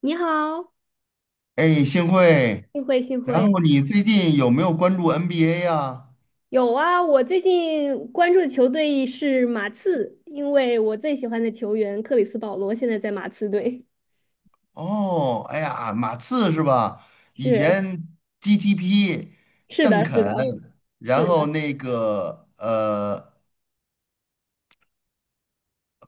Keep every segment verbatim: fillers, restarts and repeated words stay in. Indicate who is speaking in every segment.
Speaker 1: 你好，
Speaker 2: 哎，幸会。
Speaker 1: 幸会幸
Speaker 2: 然
Speaker 1: 会。
Speaker 2: 后你最近有没有关注 N B A 呀？
Speaker 1: 有啊，我最近关注的球队是马刺，因为我最喜欢的球员克里斯保罗现在在马刺队。
Speaker 2: 哦，哎呀，马刺是吧？以
Speaker 1: 是
Speaker 2: 前 G T P、
Speaker 1: 是
Speaker 2: 邓
Speaker 1: 的，是
Speaker 2: 肯，
Speaker 1: 的，是
Speaker 2: 然后
Speaker 1: 的，
Speaker 2: 那个呃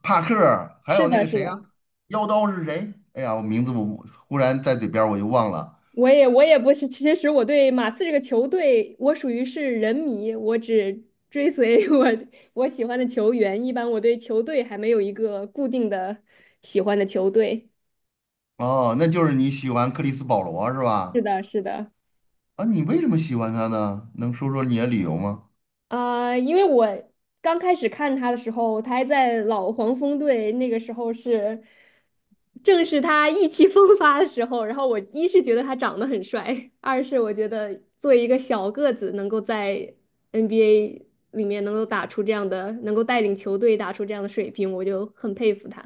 Speaker 2: 帕克，还
Speaker 1: 是
Speaker 2: 有那
Speaker 1: 的，
Speaker 2: 个
Speaker 1: 是
Speaker 2: 谁呀、
Speaker 1: 的。
Speaker 2: 妖刀是谁？哎呀，我名字我忽然在嘴边儿我就忘了。
Speaker 1: 我也我也不是，其实我对马刺这个球队，我属于是人迷，我只追随 我我喜欢的球员。一般我对球队还没有一个固定的喜欢的球队。
Speaker 2: 哦，那就是你喜欢克里斯保罗是
Speaker 1: 是
Speaker 2: 吧？
Speaker 1: 的，是的。
Speaker 2: 啊，你为什么喜欢他呢？能说说你的理由吗？
Speaker 1: 呃，因为我刚开始看他的时候，他还在老黄蜂队，那个时候是正是他意气风发的时候。然后我一是觉得他长得很帅，二是我觉得作为一个小个子，能够在 N B A 里面能够打出这样的，能够带领球队打出这样的水平，我就很佩服他。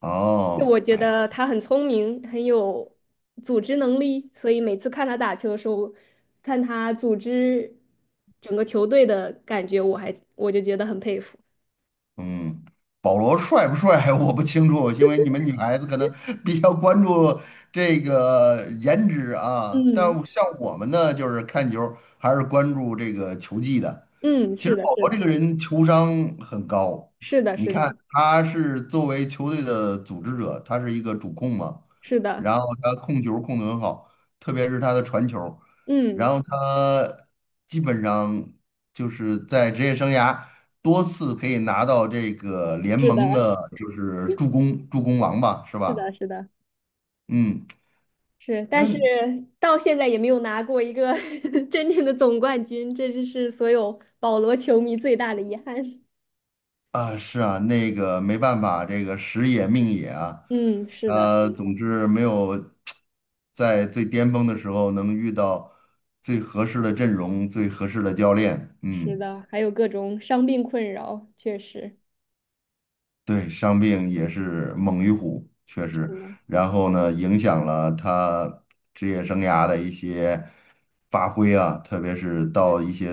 Speaker 2: 哦，
Speaker 1: 我觉
Speaker 2: 哎呀。
Speaker 1: 得他很聪明，很有组织能力，所以每次看他打球的时候，看他组织整个球队的感觉，我还我就觉得很佩服。
Speaker 2: 嗯，保罗帅不帅 我不清楚，因为你们女孩子可能 比较关注这个颜值啊。但
Speaker 1: 嗯
Speaker 2: 像我们呢，就是看球还是关注这个球技的。
Speaker 1: 嗯，
Speaker 2: 其
Speaker 1: 是
Speaker 2: 实
Speaker 1: 的，
Speaker 2: 保
Speaker 1: 是
Speaker 2: 罗这
Speaker 1: 的，
Speaker 2: 个人球商很高，
Speaker 1: 是的，
Speaker 2: 你
Speaker 1: 是
Speaker 2: 看
Speaker 1: 的，
Speaker 2: 他是作为球队的组织者，他是一个主控嘛，
Speaker 1: 是的，
Speaker 2: 然后他控球控得很好，特别是他的传球，然
Speaker 1: 嗯，
Speaker 2: 后他基本上就是在职业生涯多次可以拿到这个联
Speaker 1: 是
Speaker 2: 盟
Speaker 1: 的，
Speaker 2: 的，就是助攻助攻王吧，是
Speaker 1: 是的，
Speaker 2: 吧？
Speaker 1: 是的，
Speaker 2: 嗯，
Speaker 1: 是，但是
Speaker 2: 那
Speaker 1: 到现在也没有拿过一个 真正的总冠军，这就是所有保罗球迷最大的遗憾。
Speaker 2: 啊是啊，那个没办法，这个时也命也啊。
Speaker 1: 嗯，是的，是
Speaker 2: 呃，
Speaker 1: 的
Speaker 2: 总之没有在最巅峰的时候能遇到最合适的阵容、最合适的教练。
Speaker 1: 是
Speaker 2: 嗯，
Speaker 1: 的，还有各种伤病困扰，确实。
Speaker 2: 对，伤病也是猛于虎，确实。
Speaker 1: 嗯，
Speaker 2: 然后呢，影响了他职业生涯的一些发挥啊，特别是
Speaker 1: 是
Speaker 2: 到一些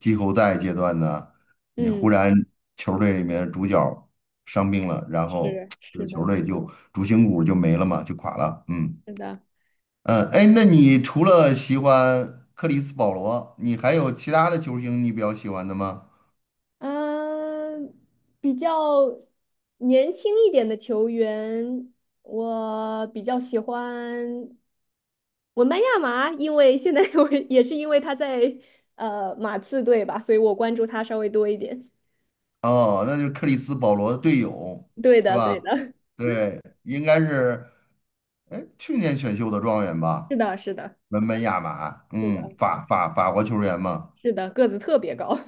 Speaker 2: 季后赛阶段呢，你忽
Speaker 1: 嗯，
Speaker 2: 然球队里面主角伤病了，然后
Speaker 1: 是
Speaker 2: 这
Speaker 1: 是
Speaker 2: 个
Speaker 1: 的，
Speaker 2: 球队就主心骨就没了嘛，就垮了。嗯。
Speaker 1: 是的，
Speaker 2: 嗯，哎，那你除了喜欢克里斯保罗，你还有其他的球星你比较喜欢的吗？
Speaker 1: 嗯，比较年轻一点的球员，我比较喜欢文班亚马，因为现在 我也是因为他在呃马刺队吧，所以我关注他稍微多一点。
Speaker 2: 哦，那就是克里斯保罗的队友
Speaker 1: 对
Speaker 2: 是
Speaker 1: 的，对
Speaker 2: 吧？
Speaker 1: 的，
Speaker 2: 对，应该是，哎，去年选秀的状元
Speaker 1: 是
Speaker 2: 吧，
Speaker 1: 的，是的，
Speaker 2: 文班亚马，
Speaker 1: 是
Speaker 2: 嗯，
Speaker 1: 的，
Speaker 2: 法法法国球员嘛。
Speaker 1: 是的，个子特别高，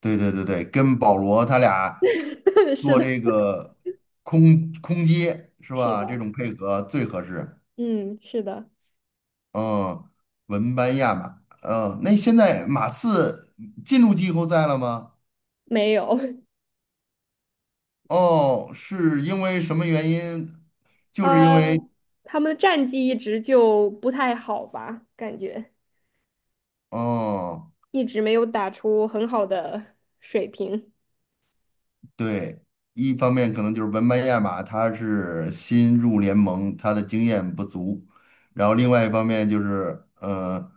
Speaker 2: 对对对对，跟保罗他俩
Speaker 1: 是
Speaker 2: 做
Speaker 1: 的，
Speaker 2: 这个空空接是
Speaker 1: 是
Speaker 2: 吧？这
Speaker 1: 的，
Speaker 2: 种配合最合适。
Speaker 1: 嗯，是的，
Speaker 2: 嗯，文班亚马，嗯，那现在马刺进入季后赛了吗？
Speaker 1: 没有。
Speaker 2: 哦，是因为什么原因？就是因为，
Speaker 1: 呃，他们的战绩一直就不太好吧，感觉
Speaker 2: 嗯，
Speaker 1: 一直没有打出很好的水平。
Speaker 2: 对，一方面可能就是文班亚马他是新入联盟，他的经验不足，然后另外一方面就是，呃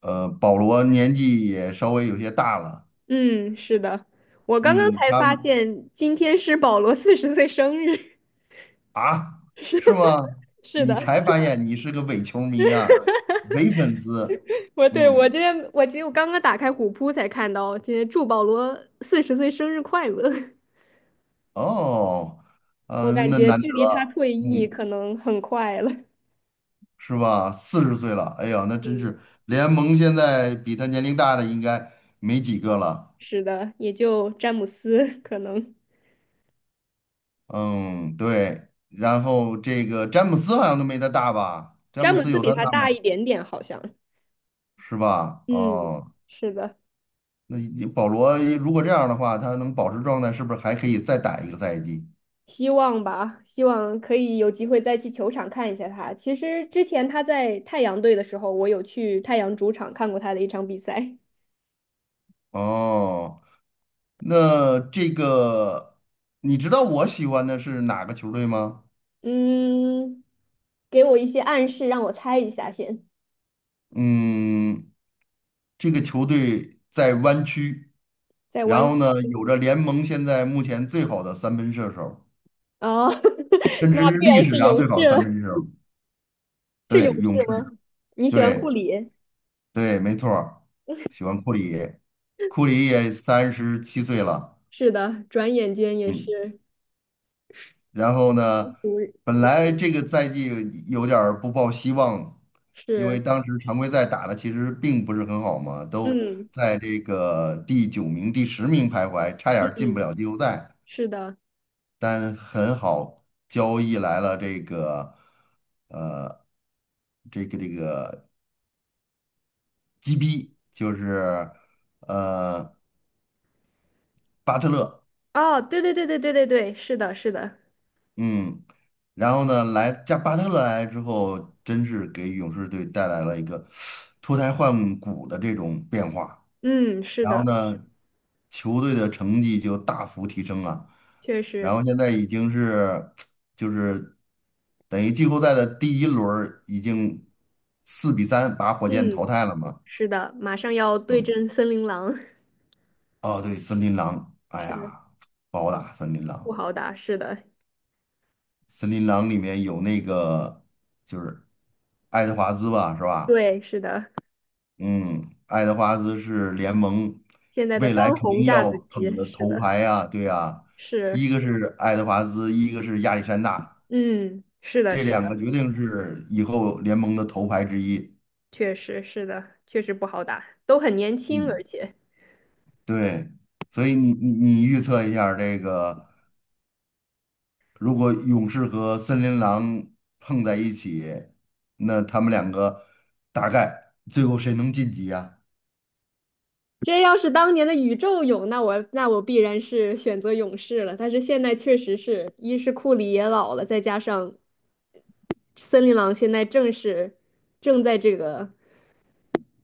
Speaker 2: 呃，保罗年纪也稍微有些大了，
Speaker 1: 嗯，是的，我刚刚
Speaker 2: 嗯，
Speaker 1: 才
Speaker 2: 他
Speaker 1: 发现今天是保罗四十岁生日。
Speaker 2: 啊，是吗？
Speaker 1: 是
Speaker 2: 你
Speaker 1: 的，
Speaker 2: 才发现你是个伪球迷啊，伪粉丝。
Speaker 1: 我对我
Speaker 2: 嗯，
Speaker 1: 今天我今天我刚刚打开虎扑才看到，今天祝保罗四十岁生日快乐。
Speaker 2: 哦，
Speaker 1: 我
Speaker 2: 呃，
Speaker 1: 感
Speaker 2: 那
Speaker 1: 觉
Speaker 2: 难
Speaker 1: 距离他
Speaker 2: 得，
Speaker 1: 退役
Speaker 2: 嗯，
Speaker 1: 可能很快了。
Speaker 2: 是吧？四十岁了，哎呀，那真
Speaker 1: 嗯，
Speaker 2: 是联盟现在比他年龄大的应该没几个了。
Speaker 1: 是的，也就詹姆斯可能，
Speaker 2: 嗯，对。然后这个詹姆斯好像都没他大吧？詹
Speaker 1: 詹
Speaker 2: 姆
Speaker 1: 姆
Speaker 2: 斯
Speaker 1: 斯
Speaker 2: 有
Speaker 1: 比
Speaker 2: 他
Speaker 1: 他
Speaker 2: 大
Speaker 1: 大一
Speaker 2: 吗？
Speaker 1: 点点，好像。
Speaker 2: 是吧？
Speaker 1: 嗯，
Speaker 2: 哦，
Speaker 1: 是的，
Speaker 2: 那你保罗如果这样的话，他能保持状态，是不是还可以再打一个赛季？
Speaker 1: 希望吧，希望可以有机会再去球场看一下他。其实之前他在太阳队的时候，我有去太阳主场看过他的一场比赛。
Speaker 2: 哦。那这个，你知道我喜欢的是哪个球队吗？
Speaker 1: 嗯，给我一些暗示，让我猜一下先。
Speaker 2: 嗯，这个球队在湾区，
Speaker 1: 在
Speaker 2: 然
Speaker 1: 湾
Speaker 2: 后呢，有着联盟现在目前最好的三分射手，
Speaker 1: 哦，
Speaker 2: 甚
Speaker 1: 那
Speaker 2: 至是
Speaker 1: 必
Speaker 2: 历
Speaker 1: 然
Speaker 2: 史
Speaker 1: 是
Speaker 2: 上
Speaker 1: 勇
Speaker 2: 最
Speaker 1: 士
Speaker 2: 好的
Speaker 1: 了。
Speaker 2: 三分射手。
Speaker 1: 是
Speaker 2: 对，
Speaker 1: 勇
Speaker 2: 勇
Speaker 1: 士
Speaker 2: 士，
Speaker 1: 吗？你喜欢库
Speaker 2: 对
Speaker 1: 里？
Speaker 2: 对，没错儿喜欢库里，库里也三十七岁了，
Speaker 1: 是的，转眼间也
Speaker 2: 嗯。
Speaker 1: 是，
Speaker 2: 然后呢，
Speaker 1: 不
Speaker 2: 本来这个赛季有点儿不抱希望，因为
Speaker 1: 是，
Speaker 2: 当时常规赛打的其实并不是很好嘛，都
Speaker 1: 嗯
Speaker 2: 在这个第九名、第十名徘徊，差点儿进不
Speaker 1: 嗯，
Speaker 2: 了季后赛。
Speaker 1: 是的。
Speaker 2: 但很好，交易来了这个，呃，这个这个 G B，就是呃巴特勒。
Speaker 1: 哦，对对对对对对对，是的，是的，
Speaker 2: 嗯，然后呢，来加巴特勒来之后，真是给勇士队带来了一个脱胎换骨的这种变化。
Speaker 1: 嗯，是
Speaker 2: 然后
Speaker 1: 的。
Speaker 2: 呢，球队的成绩就大幅提升了。
Speaker 1: 确
Speaker 2: 然
Speaker 1: 实，
Speaker 2: 后现在已经是 就是等于季后赛的第一轮儿已经四比三把火箭淘
Speaker 1: 嗯，
Speaker 2: 汰了嘛。
Speaker 1: 是的，马上要对
Speaker 2: 嗯，
Speaker 1: 阵森林狼，
Speaker 2: 哦，对，森林狼，哎
Speaker 1: 是的，
Speaker 2: 呀，不好打森林
Speaker 1: 不
Speaker 2: 狼。
Speaker 1: 好打。是的，
Speaker 2: 森林狼里面有那个就是爱德华兹吧，是吧？
Speaker 1: 对，是的，
Speaker 2: 嗯，爱德华兹是联盟
Speaker 1: 现在的
Speaker 2: 未来
Speaker 1: 当
Speaker 2: 肯
Speaker 1: 红
Speaker 2: 定
Speaker 1: 炸
Speaker 2: 要
Speaker 1: 子
Speaker 2: 捧
Speaker 1: 鸡，
Speaker 2: 的
Speaker 1: 是
Speaker 2: 头
Speaker 1: 的，
Speaker 2: 牌啊，对啊，
Speaker 1: 是，
Speaker 2: 一个是爱德华兹，一个是亚历山大，
Speaker 1: 嗯，是的，
Speaker 2: 这
Speaker 1: 是
Speaker 2: 两个
Speaker 1: 的，
Speaker 2: 决定是以后联盟的头牌之一。
Speaker 1: 确实是的，确实不好打，都很年轻，
Speaker 2: 嗯，
Speaker 1: 而且
Speaker 2: 对，所以你你你预测一下儿这个，如果勇士和森林狼碰在一起，那他们两个大概最后谁能晋级呀、
Speaker 1: 这要是当年的宇宙勇，那我那我必然是选择勇士了。但是现在确实是一是库里也老了，再加上森林狼现在正是正在这个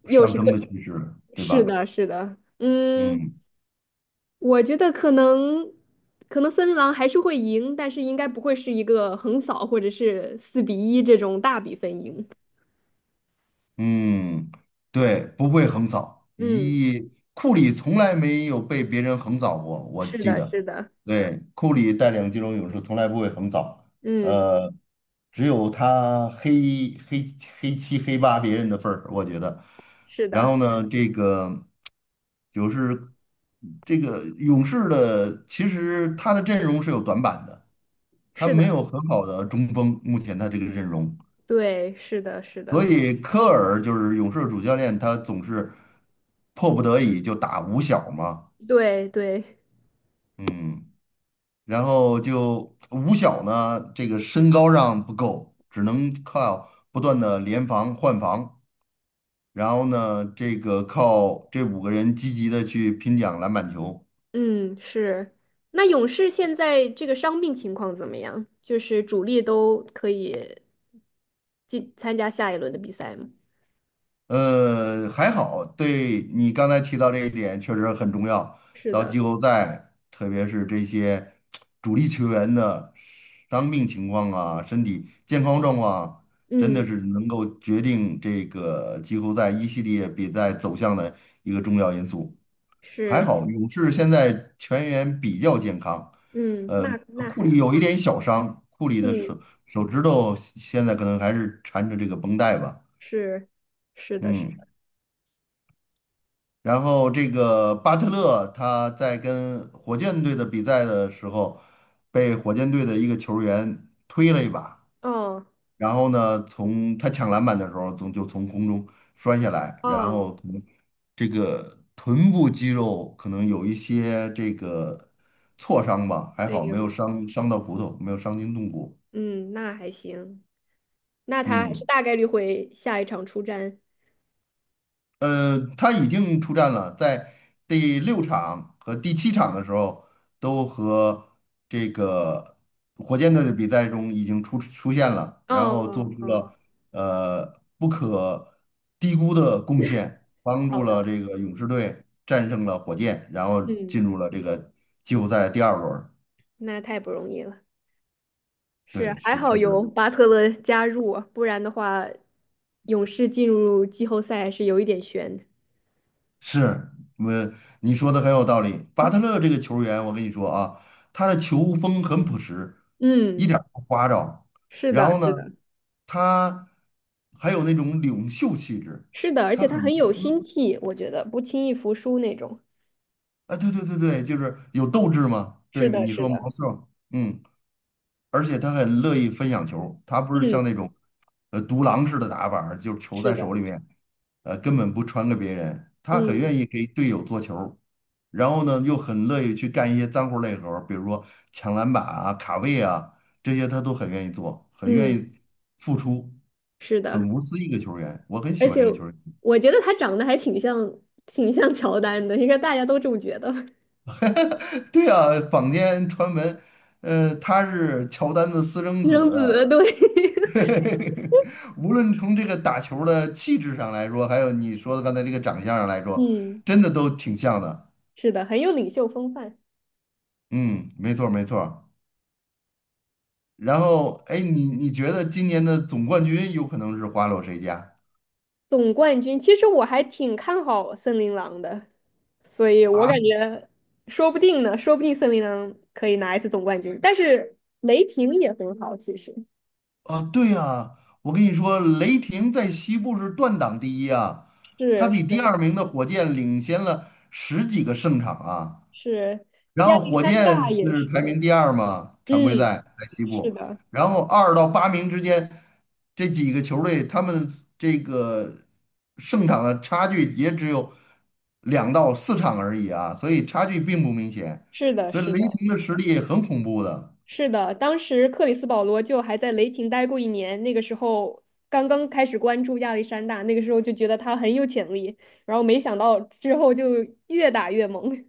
Speaker 1: 又
Speaker 2: 上
Speaker 1: 是
Speaker 2: 升
Speaker 1: 个，
Speaker 2: 的趋势，对
Speaker 1: 是
Speaker 2: 吧？
Speaker 1: 的，是的，嗯。
Speaker 2: 嗯
Speaker 1: 我觉得可能，可能森林狼还是会赢，但是应该不会是一个横扫或者是四比一这种大比分赢。
Speaker 2: 嗯，对，不会横扫。
Speaker 1: 嗯，
Speaker 2: 咦，库里从来没有被别人横扫过，我
Speaker 1: 是
Speaker 2: 记
Speaker 1: 的，
Speaker 2: 得。
Speaker 1: 是的，
Speaker 2: 对，库里带领金州勇士从来不会横扫，
Speaker 1: 嗯，
Speaker 2: 呃，只有他黑黑黑七黑八别人的份儿，我觉得。
Speaker 1: 是
Speaker 2: 然后
Speaker 1: 的，
Speaker 2: 呢，这个就是这个勇士的，其实他的阵容是有短板的。他
Speaker 1: 是
Speaker 2: 没有
Speaker 1: 的，
Speaker 2: 很好的中锋，目前他这个阵容，
Speaker 1: 对，是的，是
Speaker 2: 所
Speaker 1: 的，
Speaker 2: 以科尔就是勇士的主教练，他总是迫不得已就打五小嘛，
Speaker 1: 对对，
Speaker 2: 嗯，然后就五小呢，这个身高上不够，只能靠不断的联防换防，然后呢，这个靠这五个人积极的去拼抢篮板球。
Speaker 1: 嗯，是。那勇士现在这个伤病情况怎么样？就是主力都可以进参加下一轮的比赛吗？
Speaker 2: 呃，还好，对你刚才提到这一点确实很重要。
Speaker 1: 是
Speaker 2: 到
Speaker 1: 的，
Speaker 2: 季后赛，特别是这些主力球员的伤病情况啊、身体健康状况啊，真
Speaker 1: 嗯，
Speaker 2: 的是能够决定这个季后赛一系列比赛走向的一个重要因素。还
Speaker 1: 是，
Speaker 2: 好，勇士现在全员比较健康，
Speaker 1: 嗯，
Speaker 2: 呃，
Speaker 1: 那那
Speaker 2: 库
Speaker 1: 还
Speaker 2: 里有一
Speaker 1: 好，
Speaker 2: 点小伤，库里的手
Speaker 1: 嗯。
Speaker 2: 手指头现在可能还是缠着这个绷带吧，
Speaker 1: 是是的，是
Speaker 2: 嗯。
Speaker 1: 的，
Speaker 2: 然后这个巴特勒他在跟火箭队的比赛的时候，被火箭队的一个球员推了一把，
Speaker 1: 哦
Speaker 2: 然后呢，从他抢篮板的时候，从就从空中摔下来，然
Speaker 1: 哦，
Speaker 2: 后可能这个臀部肌肉可能有一些这个挫伤吧，还
Speaker 1: 哎
Speaker 2: 好没有
Speaker 1: 呦，
Speaker 2: 伤伤到骨头，没有伤筋动骨。
Speaker 1: 嗯，那还行，那他还是
Speaker 2: 嗯。
Speaker 1: 大概率会下一场出战。
Speaker 2: 呃，他已经出战了，在第六场和第七场的时候，都和这个火箭队的比赛中已经出出现了，
Speaker 1: 哦
Speaker 2: 然后做出
Speaker 1: 哦哦，
Speaker 2: 了呃不可低估的贡献，帮
Speaker 1: 好
Speaker 2: 助了
Speaker 1: 的，
Speaker 2: 这个勇士队战胜了火箭，然后
Speaker 1: 嗯，
Speaker 2: 进入了这个季后赛第二轮儿
Speaker 1: 那太不容易了。是，
Speaker 2: 对，
Speaker 1: 还
Speaker 2: 是
Speaker 1: 好
Speaker 2: 确
Speaker 1: 有
Speaker 2: 实。
Speaker 1: 巴特勒加入啊不然的话，勇士进入季后赛是有一点悬的
Speaker 2: 是，我你说的很有道理。巴特勒这个球员，我跟你说啊，他的球风很朴实，一
Speaker 1: 嗯，
Speaker 2: 点儿不花哨。
Speaker 1: 是
Speaker 2: 然
Speaker 1: 的，
Speaker 2: 后呢，
Speaker 1: 是的，
Speaker 2: 他还有那种领袖气质，
Speaker 1: 是的，而
Speaker 2: 他
Speaker 1: 且他
Speaker 2: 很无
Speaker 1: 很有心
Speaker 2: 私。
Speaker 1: 气，我觉得不轻易服输那种。
Speaker 2: 啊，对对对对，就是有斗志嘛。对，
Speaker 1: 是的，
Speaker 2: 你
Speaker 1: 是
Speaker 2: 说
Speaker 1: 的，
Speaker 2: 毛瑟，嗯。而且他很乐意分享球，他不是
Speaker 1: 嗯，
Speaker 2: 像那种呃独狼式的打法儿就是球
Speaker 1: 是
Speaker 2: 在
Speaker 1: 的，
Speaker 2: 手里面，呃根本不传给别人，他很
Speaker 1: 嗯
Speaker 2: 愿意给队友做球，然后呢又很乐意去干一些脏活累活儿比如说抢篮板啊、卡位啊这些，他都很愿意做，很愿
Speaker 1: 嗯，
Speaker 2: 意付出，
Speaker 1: 是的。
Speaker 2: 很无私一个球员，我很喜
Speaker 1: 而
Speaker 2: 欢
Speaker 1: 且
Speaker 2: 这个球员。
Speaker 1: 我觉得他长得还挺像，挺像乔丹的，应该大家都这么觉得。
Speaker 2: 对啊，坊间传闻，呃，他是乔丹的私生
Speaker 1: 私
Speaker 2: 子，
Speaker 1: 生子，对，
Speaker 2: 无论从这个打球儿的气质上来说，还有你说的刚才这个长相上来 说，
Speaker 1: 嗯，
Speaker 2: 真的都挺像的。
Speaker 1: 是的，很有领袖风范。
Speaker 2: 嗯，没错儿没错儿然后，哎，你你觉得今年的总冠军有可能是花落谁家
Speaker 1: 总冠军，其实我还挺看好森林狼的，所以我
Speaker 2: 啊？
Speaker 1: 感觉说不定呢，说不定森林狼可以拿一次总冠军。但是雷霆也很好，其实
Speaker 2: 啊，对呀，我跟你说，雷霆在西部是断档第一啊，他
Speaker 1: 是
Speaker 2: 比第
Speaker 1: 是
Speaker 2: 二名的火箭领先了十几个胜场啊。
Speaker 1: 是，
Speaker 2: 然
Speaker 1: 亚
Speaker 2: 后
Speaker 1: 历
Speaker 2: 火
Speaker 1: 山
Speaker 2: 箭
Speaker 1: 大也
Speaker 2: 是
Speaker 1: 是，
Speaker 2: 排名第二嘛，常规
Speaker 1: 嗯，
Speaker 2: 赛在西
Speaker 1: 是
Speaker 2: 部，
Speaker 1: 的，
Speaker 2: 然后二到八名之间这几个球队，他们这个胜场的差距也只有两到四场而已啊，所以差距并不明显，
Speaker 1: 是的，
Speaker 2: 所以
Speaker 1: 是
Speaker 2: 雷
Speaker 1: 的。
Speaker 2: 霆的实力很恐怖的。
Speaker 1: 是的，当时克里斯保罗就还在雷霆待过一年，那个时候刚刚开始关注亚历山大，那个时候就觉得他很有潜力，然后没想到之后就越打越猛。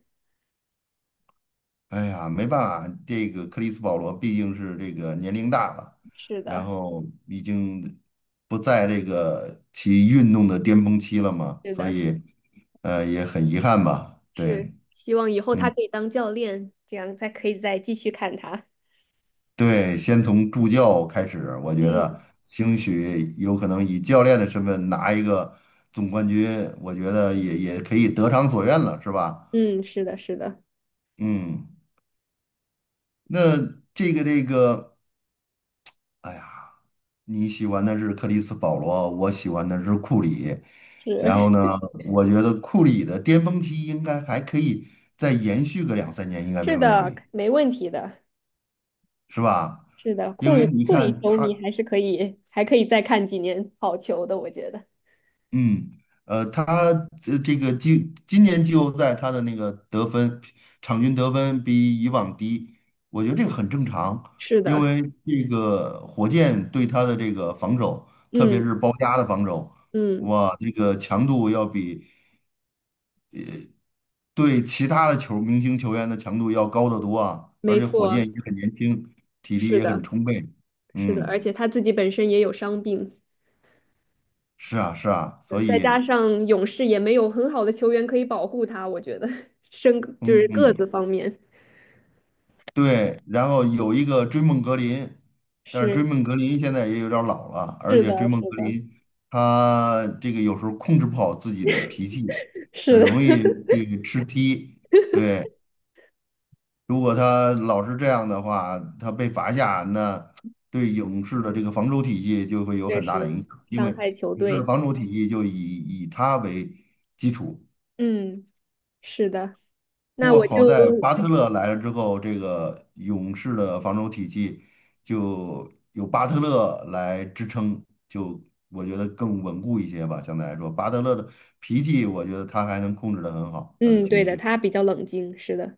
Speaker 2: 哎呀，没办法，这个克里斯保罗毕竟是这个年龄大了，
Speaker 1: 是
Speaker 2: 然
Speaker 1: 的，
Speaker 2: 后已经不在这个其运动的巅峰期了嘛，
Speaker 1: 是
Speaker 2: 所
Speaker 1: 的，
Speaker 2: 以呃也很遗憾吧。
Speaker 1: 是，
Speaker 2: 对，
Speaker 1: 希望以后他
Speaker 2: 嗯，
Speaker 1: 可以当教练，这样才可以再继续看他。
Speaker 2: 对，先从助教开始，我觉
Speaker 1: 嗯
Speaker 2: 得兴许有可能以教练的身份拿一个总冠军，我觉得也也可以得偿所愿了，是吧？
Speaker 1: 嗯，是的，是的，
Speaker 2: 嗯，那这个这个，哎呀。你喜欢的是克里斯保罗，我喜欢的是库里。然后
Speaker 1: 是
Speaker 2: 呢，我觉得库里的巅峰期应该还可以再延续个两三年，应 该
Speaker 1: 是
Speaker 2: 没问
Speaker 1: 的，
Speaker 2: 题，
Speaker 1: 没问题的，
Speaker 2: 是吧？
Speaker 1: 是的，库
Speaker 2: 因
Speaker 1: 里
Speaker 2: 为你
Speaker 1: 库里
Speaker 2: 看
Speaker 1: 球迷
Speaker 2: 他，
Speaker 1: 还是可以，还可以再看几年好球的，我觉得。
Speaker 2: 嗯，呃，他这这个今今年季后赛他的那个得分，场均得分比以往低，我觉得这个很正常，
Speaker 1: 是
Speaker 2: 因
Speaker 1: 的，
Speaker 2: 为这个火箭对他的这个防守，特别
Speaker 1: 嗯
Speaker 2: 是包夹的防守。
Speaker 1: 嗯，
Speaker 2: 哇，这个强度要比对其他的球明星球员的强度要高得多啊，而
Speaker 1: 没
Speaker 2: 且火
Speaker 1: 错。
Speaker 2: 箭也很年轻，体力
Speaker 1: 是
Speaker 2: 也很
Speaker 1: 的，
Speaker 2: 充沛。
Speaker 1: 是的，而
Speaker 2: 嗯，
Speaker 1: 且他自己本身也有伤病，
Speaker 2: 是啊，是啊，
Speaker 1: 呃
Speaker 2: 所
Speaker 1: 再
Speaker 2: 以，
Speaker 1: 加上勇士也没有很好的球员可以保护他，我觉得身就是
Speaker 2: 嗯
Speaker 1: 个子
Speaker 2: 嗯，
Speaker 1: 方面
Speaker 2: 对，然后有一个追梦格林，但是追
Speaker 1: 是
Speaker 2: 梦格林现在也有点儿老了，而
Speaker 1: 是
Speaker 2: 且追
Speaker 1: 的，
Speaker 2: 梦
Speaker 1: 是
Speaker 2: 格
Speaker 1: 的，
Speaker 2: 林他这个有时候控制不好自己的脾气，
Speaker 1: 是
Speaker 2: 很容
Speaker 1: 的，
Speaker 2: 易去吃踢。对，如果他老是这样的话，他被罚下，那对勇士的这个防守体系就会 有
Speaker 1: 确
Speaker 2: 很大的
Speaker 1: 实
Speaker 2: 影响，因
Speaker 1: 伤
Speaker 2: 为
Speaker 1: 害球
Speaker 2: 勇士的
Speaker 1: 队。
Speaker 2: 防守体系就以以他为基础。
Speaker 1: 嗯，是的，
Speaker 2: 不
Speaker 1: 那
Speaker 2: 过
Speaker 1: 我
Speaker 2: 好在
Speaker 1: 就
Speaker 2: 巴特勒来了之后，这个勇士的防守体系就有巴特勒来支撑，就我觉得更稳固一些吧。相对来说，巴特勒的脾气，我觉得他还能控制得很好，他的
Speaker 1: 嗯，对
Speaker 2: 情
Speaker 1: 的，
Speaker 2: 绪，
Speaker 1: 他比较冷静，是的，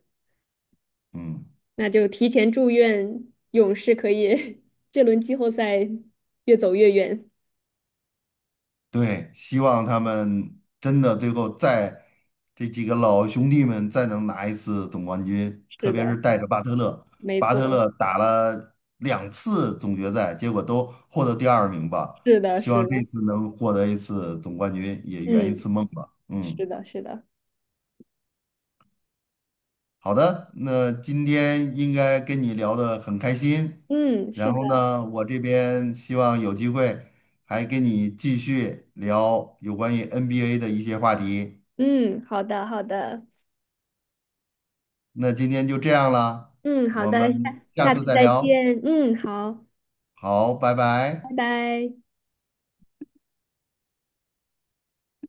Speaker 2: 嗯。
Speaker 1: 那就提前祝愿勇士可以 这轮季后赛越走越远。
Speaker 2: 对，希望他们真的最后再这几个老兄弟们再能拿一次总冠军，特
Speaker 1: 是
Speaker 2: 别是
Speaker 1: 的，
Speaker 2: 带着巴特勒，
Speaker 1: 没
Speaker 2: 巴特
Speaker 1: 错，
Speaker 2: 勒打了两次总决赛，结果都获得第二名吧。
Speaker 1: 是的，
Speaker 2: 希
Speaker 1: 是
Speaker 2: 望这
Speaker 1: 的，
Speaker 2: 次能获得一次总冠军，也圆一
Speaker 1: 嗯，
Speaker 2: 次梦吧。嗯，
Speaker 1: 是的，是的。
Speaker 2: 好的，那今天应该跟你聊得很开心，
Speaker 1: 嗯，是
Speaker 2: 然
Speaker 1: 的，
Speaker 2: 后呢，我这边希望有机会还跟你继续聊有关于 N B A 的一些话题。
Speaker 1: 嗯，好的，好的，
Speaker 2: 那今天就这样了，
Speaker 1: 嗯，好
Speaker 2: 我们
Speaker 1: 的，下
Speaker 2: 下
Speaker 1: 下
Speaker 2: 次
Speaker 1: 次
Speaker 2: 再
Speaker 1: 再
Speaker 2: 聊。
Speaker 1: 见，嗯，好，
Speaker 2: 好，拜
Speaker 1: 拜
Speaker 2: 拜。
Speaker 1: 拜。